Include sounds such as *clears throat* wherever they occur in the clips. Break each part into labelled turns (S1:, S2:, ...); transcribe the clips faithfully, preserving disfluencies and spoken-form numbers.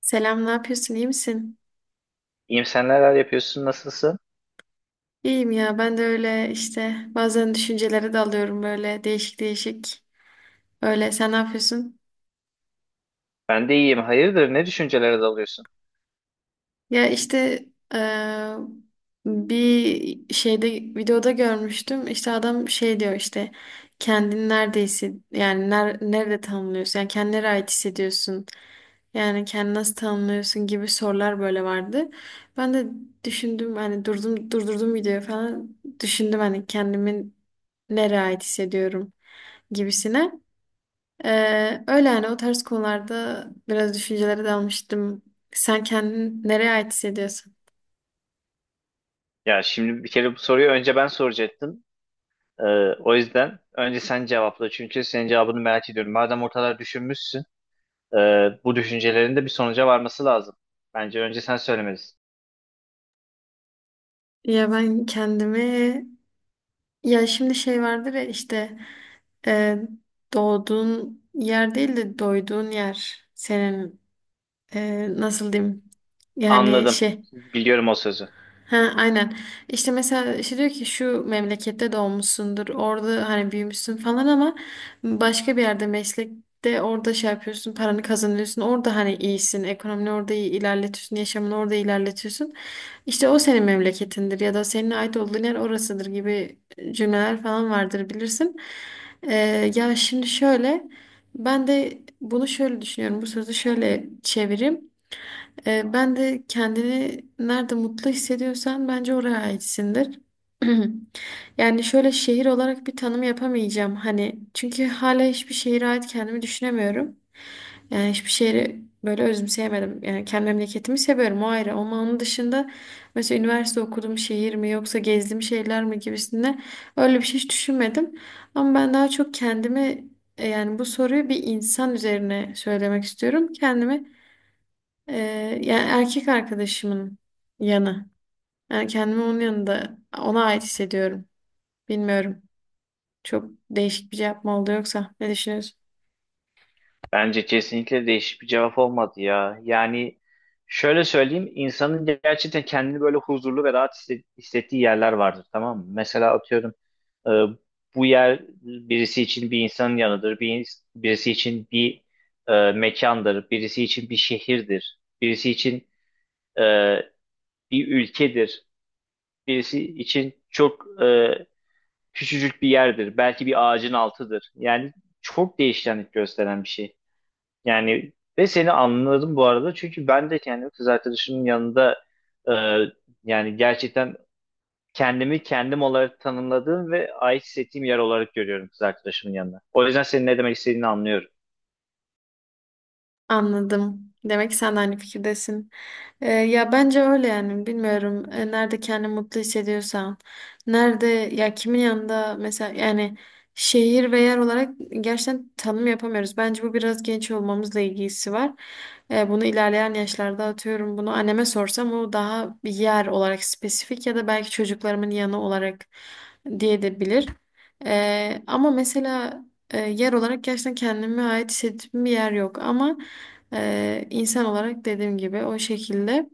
S1: Selam, ne yapıyorsun? İyi misin?
S2: İyiyim, sen neler yapıyorsun, nasılsın?
S1: İyiyim ya, ben de öyle işte bazen düşüncelere dalıyorum böyle değişik değişik. Öyle sen ne yapıyorsun?
S2: Ben de iyiyim. Hayırdır, ne düşüncelere dalıyorsun?
S1: Ya işte eee, bir şeyde videoda görmüştüm. İşte adam şey diyor işte kendini nerede hissed, yani ner nerede tanımlıyorsun? Yani kendine nereye ait hissediyorsun? Yani kendini nasıl tanımlıyorsun gibi sorular böyle vardı. Ben de düşündüm hani durdum durdurdum videoyu falan düşündüm hani kendimi nereye ait hissediyorum gibisine. Ee, öyle yani o tarz konularda biraz düşüncelere dalmıştım. Sen kendini nereye ait hissediyorsun?
S2: Ya şimdi bir kere bu soruyu önce ben soracaktım. Ee, O yüzden önce sen cevapla. Çünkü senin cevabını merak ediyorum. Madem ortalar düşünmüşsün, e, bu düşüncelerin de bir sonuca varması lazım. Bence önce sen söylemelisin.
S1: Ya ben kendimi ya şimdi şey vardır ya işte e, doğduğun yer değil de doyduğun yer senin, e, nasıl diyeyim yani
S2: Anladım.
S1: şey.
S2: Biliyorum o sözü.
S1: Ha, aynen. İşte mesela işte diyor ki şu memlekette doğmuşsundur, orada hani büyümüşsün falan ama başka bir yerde meslekte orada şey yapıyorsun, paranı kazanıyorsun, orada hani iyisin, ekonomini orada iyi ilerletiyorsun, yaşamını orada ilerletiyorsun. İşte o senin memleketindir ya da senin ait olduğun yer orasıdır gibi cümleler falan vardır bilirsin. Ee, ya şimdi şöyle, ben de bunu şöyle düşünüyorum, bu sözü şöyle çevireyim. Ee, ben de kendini nerede mutlu hissediyorsan bence oraya aitsindir. *clears throat* Yani şöyle şehir olarak bir tanım yapamayacağım. Hani çünkü hala hiçbir şehire ait kendimi düşünemiyorum. Yani hiçbir şehri böyle özümseyemedim. Yani kendi memleketimi seviyorum, o ayrı. Ama onun dışında mesela üniversite okuduğum şehir mi yoksa gezdiğim şeyler mi gibisinde öyle bir şey hiç düşünmedim. Ama ben daha çok kendimi, e, yani bu soruyu bir insan üzerine söylemek istiyorum. Kendimi ee, yani erkek arkadaşımın yanı. Yani kendimi onun yanında ona ait hissediyorum. Bilmiyorum. Çok değişik bir cevap mı oldu yoksa? Ne düşünüyorsun?
S2: Bence kesinlikle değişik bir cevap olmadı ya. Yani şöyle söyleyeyim, insanın gerçekten kendini böyle huzurlu ve rahat hisse- hissettiği yerler vardır, tamam mı? Mesela atıyorum, e, bu yer birisi için bir insanın yanıdır, bir, ins- birisi için bir e, mekandır, birisi için bir şehirdir, birisi için e, bir ülkedir, birisi için çok e, küçücük bir yerdir, belki bir ağacın altıdır. Yani çok değişkenlik gösteren bir şey. Yani ve seni anladım bu arada. Çünkü ben de kendimi kız arkadaşımın yanında, e, yani gerçekten kendimi kendim olarak tanımladığım ve ait hissettiğim yer olarak görüyorum kız arkadaşımın yanında. O yüzden senin ne demek istediğini anlıyorum.
S1: Anladım. Demek ki sen de aynı fikirdesin. Ee, ya bence öyle yani bilmiyorum. Ee, nerede kendini mutlu hissediyorsan, nerede ya kimin yanında mesela yani şehir ve yer olarak gerçekten tanım yapamıyoruz. Bence bu biraz genç olmamızla ilgisi var. Ee, bunu ilerleyen yaşlarda atıyorum. Bunu anneme sorsam o daha bir yer olarak spesifik ya da belki çocuklarımın yanı olarak diye de bilir. Ee, ama mesela e, yer olarak gerçekten kendime ait hissettiğim bir yer yok. Ama e, insan olarak dediğim gibi o şekilde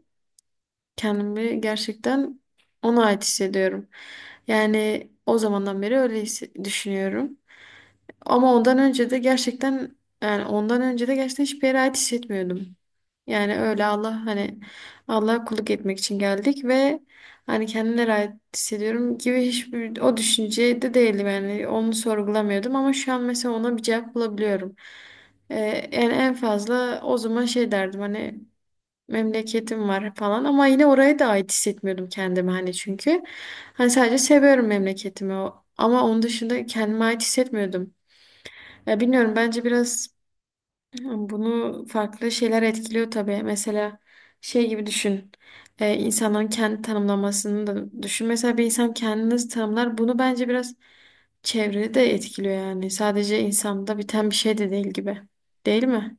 S1: kendimi gerçekten ona ait hissediyorum. Yani o zamandan beri öyle hisse- düşünüyorum. Ama ondan önce de gerçekten, yani ondan önce de gerçekten hiçbir yere ait hissetmiyordum. Yani öyle Allah hani Allah'a kulluk etmek için geldik ve hani kendine ait hissediyorum gibi hiçbir o düşüncede değilim, yani onu sorgulamıyordum ama şu an mesela ona bir cevap bulabiliyorum. Ee, Yani en fazla o zaman şey derdim, hani memleketim var falan ama yine oraya da ait hissetmiyordum kendimi hani çünkü hani sadece seviyorum memleketimi, o- ama onun dışında kendime ait hissetmiyordum. Ya bilmiyorum, bence biraz bunu farklı şeyler etkiliyor tabii. Mesela şey gibi düşün. Ee, insanların kendi tanımlamasını da düşün. Mesela bir insan kendini nasıl tanımlar? Bunu bence biraz çevrede de etkiliyor yani. Sadece insanda biten bir şey de değil gibi. Değil mi?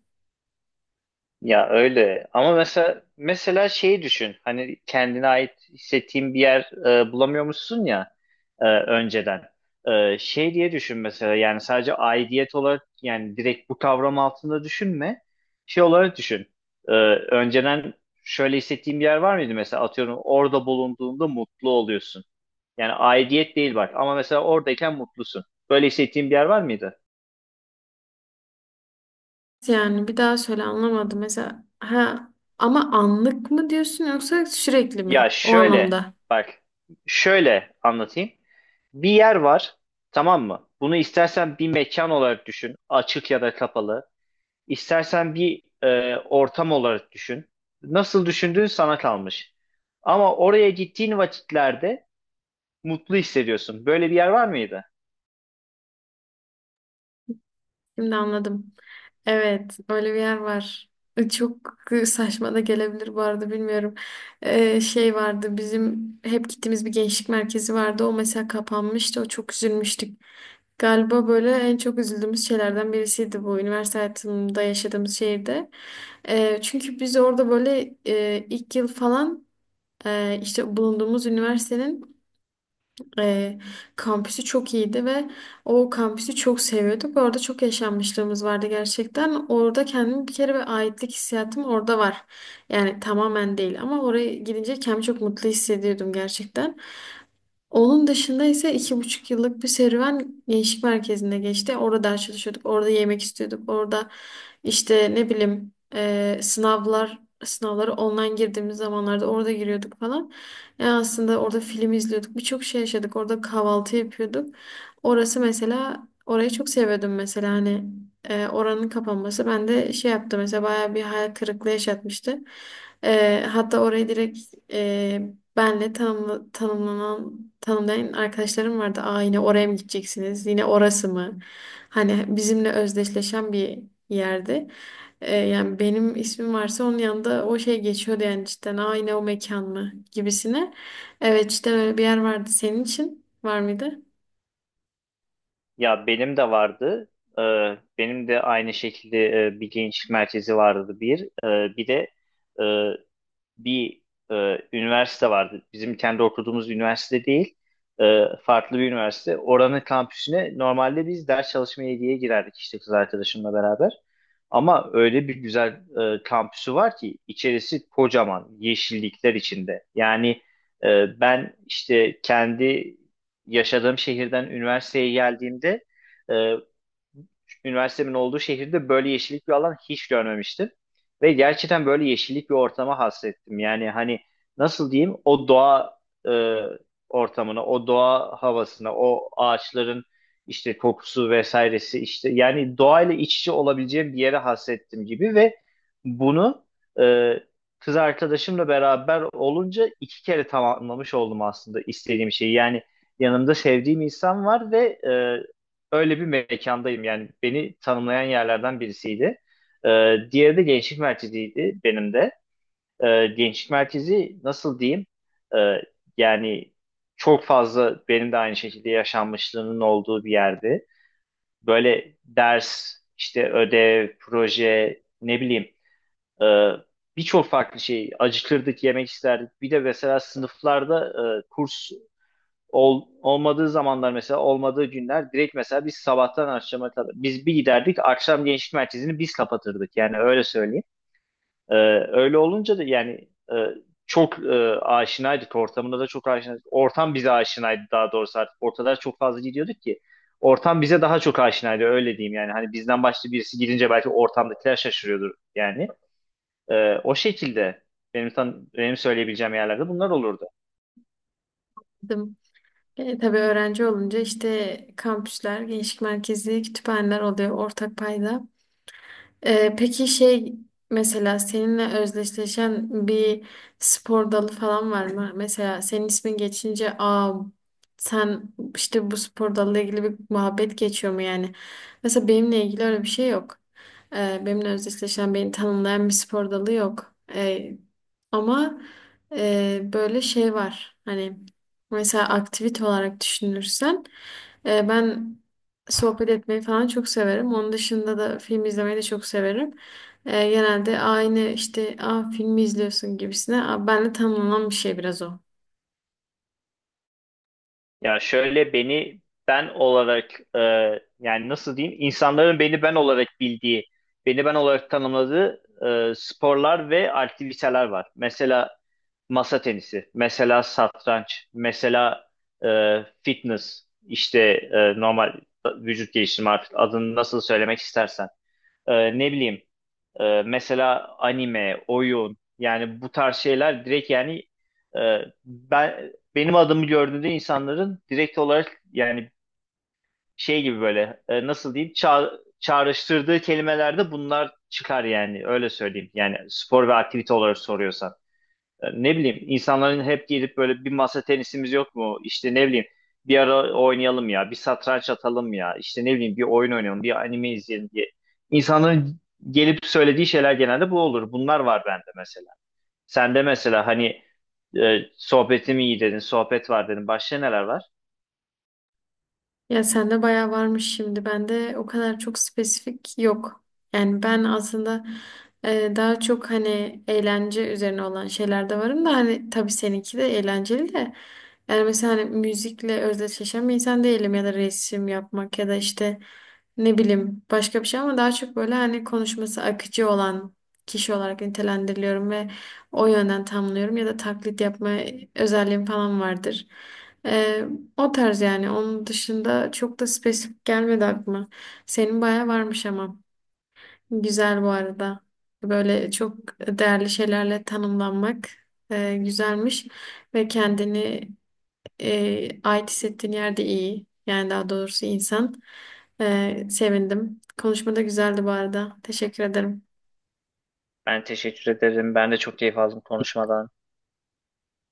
S2: Ya öyle ama mesela mesela şeyi düşün, hani kendine ait hissettiğin bir yer e, bulamıyormuşsun ya e, önceden E, şey diye düşün mesela, yani sadece aidiyet olarak, yani direkt bu kavram altında düşünme, şey olarak düşün. E, önceden şöyle hissettiğin bir yer var mıydı, mesela atıyorum orada bulunduğunda mutlu oluyorsun, yani aidiyet değil bak, ama mesela oradayken mutlusun, böyle hissettiğin bir yer var mıydı?
S1: Yani bir daha söyle, anlamadım. Mesela ha, ama anlık mı diyorsun yoksa sürekli
S2: Ya
S1: mi? O
S2: şöyle,
S1: anlamda.
S2: bak, şöyle anlatayım. Bir yer var, tamam mı? Bunu istersen bir mekan olarak düşün, açık ya da kapalı. İstersen bir e, ortam olarak düşün. Nasıl düşündüğün sana kalmış. Ama oraya gittiğin vakitlerde mutlu hissediyorsun. Böyle bir yer var mıydı?
S1: Şimdi anladım. Evet, öyle bir yer var. E, Çok saçma da gelebilir bu arada, bilmiyorum. E, şey vardı, bizim hep gittiğimiz bir gençlik merkezi vardı. O mesela kapanmıştı. O çok üzülmüştük. Galiba böyle en çok üzüldüğümüz şeylerden birisiydi bu, üniversite hayatımda yaşadığımız şehirde. E, çünkü biz orada böyle e, ilk yıl falan e, işte bulunduğumuz üniversitenin e, kampüsü çok iyiydi ve o kampüsü çok seviyorduk. Orada çok yaşanmışlığımız vardı gerçekten. Orada kendimi bir kere, bir aitlik hissiyatım orada var. Yani tamamen değil ama oraya gidince kendimi çok mutlu hissediyordum gerçekten. Onun dışında ise iki buçuk yıllık bir serüven gençlik merkezinde geçti. Orada ders çalışıyorduk, orada yemek istiyorduk, orada işte ne bileyim e, sınavlar sınavları online girdiğimiz zamanlarda orada giriyorduk falan. Yani aslında orada film izliyorduk, birçok şey yaşadık. Orada kahvaltı yapıyorduk. Orası mesela, orayı çok seviyordum mesela hani e, oranın kapanması bende şey yaptı mesela, bayağı bir hayal kırıklığı yaşatmıştı. E, hatta orayı direkt benle tanımla, tanımlanan, tanımlayan arkadaşlarım vardı. Aa, yine oraya mı gideceksiniz? Yine orası mı? Hani bizimle özdeşleşen bir yerdi. Ee, yani benim ismim varsa onun yanında o şey geçiyordu yani, cidden. Aa, yine o mekan mı? Gibisine. Evet, işte böyle bir yer vardı. Senin için var mıydı?
S2: Ya benim de vardı. E, Benim de aynı şekilde e, bir gençlik merkezi vardı bir. E, bir de e, bir e, Üniversite vardı. Bizim kendi okuduğumuz üniversite değil, e, farklı bir üniversite. Oranın kampüsüne normalde biz ders çalışmaya diye girerdik işte kız arkadaşımla beraber. Ama öyle bir güzel e, kampüsü var ki, içerisi kocaman yeşillikler içinde. Yani e, ben işte kendi yaşadığım şehirden üniversiteye geldiğimde, e, üniversitemin olduğu şehirde böyle yeşillik bir alan hiç görmemiştim. Ve gerçekten böyle yeşillik bir ortama hasrettim. Yani hani nasıl diyeyim, o doğa e, ortamına, o doğa havasına, o ağaçların işte kokusu vesairesi, işte yani doğayla iç içe olabileceğim bir yere hasrettim gibi. Ve bunu e, kız arkadaşımla beraber olunca iki kere tamamlamış oldum aslında istediğim şeyi. Yani yanımda sevdiğim insan var ve e, öyle bir mekandayım. Yani beni tanımlayan yerlerden birisiydi. Ee, diğeri de gençlik merkeziydi benim de. Ee, gençlik merkezi nasıl diyeyim? Ee, Yani çok fazla benim de aynı şekilde yaşanmışlığının olduğu bir yerdi. Böyle ders, işte ödev, proje, ne bileyim, e, birçok farklı şey, acıkırdık, yemek isterdik. Bir de mesela sınıflarda e, kurs Ol, olmadığı zamanlar, mesela olmadığı günler direkt mesela biz sabahtan akşama kadar biz bir giderdik, akşam gençlik merkezini biz kapatırdık, yani öyle söyleyeyim. Ee, Öyle olunca da yani e, çok e, aşinaydık, ortamında da çok aşinaydık. Ortam bize aşinaydı daha doğrusu, artık ortada çok fazla gidiyorduk ki ortam bize daha çok aşinaydı, öyle diyeyim. Yani hani bizden başka birisi gidince belki ortamdakiler şaşırıyordur yani. Ee, o şekilde benim tan benim söyleyebileceğim yerlerde bunlar olurdu.
S1: Bizim- E, tabii öğrenci olunca işte kampüsler, gençlik merkezi, kütüphaneler oluyor ortak payda. Ee, peki şey, mesela seninle özdeşleşen bir spor dalı falan var mı? Mesela senin ismin geçince aa, sen işte bu spor dalıyla ilgili bir muhabbet geçiyor mu yani? Mesela benimle ilgili öyle bir şey yok. Ee, benimle özdeşleşen, beni tanımlayan bir spor dalı yok. Ee, ama e, böyle şey var. Hani mesela aktivite olarak düşünürsen e, ben sohbet etmeyi falan çok severim. Onun dışında da film izlemeyi de çok severim. Ee, genelde aynı işte, aa, filmi izliyorsun gibisine. Aa, ben de, tamamlanan bir şey biraz o.
S2: Ya şöyle, beni ben olarak, e, yani nasıl diyeyim, insanların beni ben olarak bildiği, beni ben olarak tanımladığı e, sporlar ve aktiviteler var. Mesela masa tenisi, mesela satranç, mesela e, fitness, işte e, normal vücut geliştirme, artık adını nasıl söylemek istersen. E, ne bileyim ee, Mesela anime, oyun, yani bu tarz şeyler direkt yani, e, ben benim adımı gördüğünde insanların direkt olarak, yani şey gibi, böyle e, nasıl diyeyim, ça çağrıştırdığı kelimelerde bunlar çıkar, yani öyle söyleyeyim. Yani spor ve aktivite olarak soruyorsan. E, Ne bileyim, insanların hep gelip böyle, bir masa tenisimiz yok mu, İşte ne bileyim bir ara oynayalım ya, bir satranç atalım ya, işte ne bileyim bir oyun oynayalım, bir anime izleyelim diye. İnsanların gelip söylediği şeyler genelde bu olur. Bunlar var bende mesela. Sende mesela hani e, sohbetim iyi dedin, sohbet var dedin. Başka neler var?
S1: Ya sende bayağı varmış şimdi. Bende o kadar çok spesifik yok. Yani ben aslında e, daha çok hani eğlence üzerine olan şeylerde varım da, hani tabii seninki de eğlenceli de. Yani mesela hani müzikle özdeşleşen bir insan değilim, ya da resim yapmak ya da işte ne bileyim başka bir şey, ama daha çok böyle hani konuşması akıcı olan kişi olarak nitelendiriliyorum ve o yönden tamlıyorum ya da taklit yapma özelliğim falan vardır. E, O tarz yani. Onun dışında çok da spesifik gelmedi aklıma. Senin bayağı varmış ama. Güzel bu arada. Böyle çok değerli şeylerle tanımlanmak e, güzelmiş. Ve kendini e, ait hissettiğin yerde iyi. Yani daha doğrusu insan. E, sevindim. Konuşma da güzeldi bu arada. Teşekkür ederim.
S2: Ben teşekkür ederim. Ben de çok keyif aldım konuşmadan.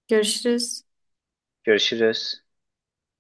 S1: Görüşürüz.
S2: Görüşürüz.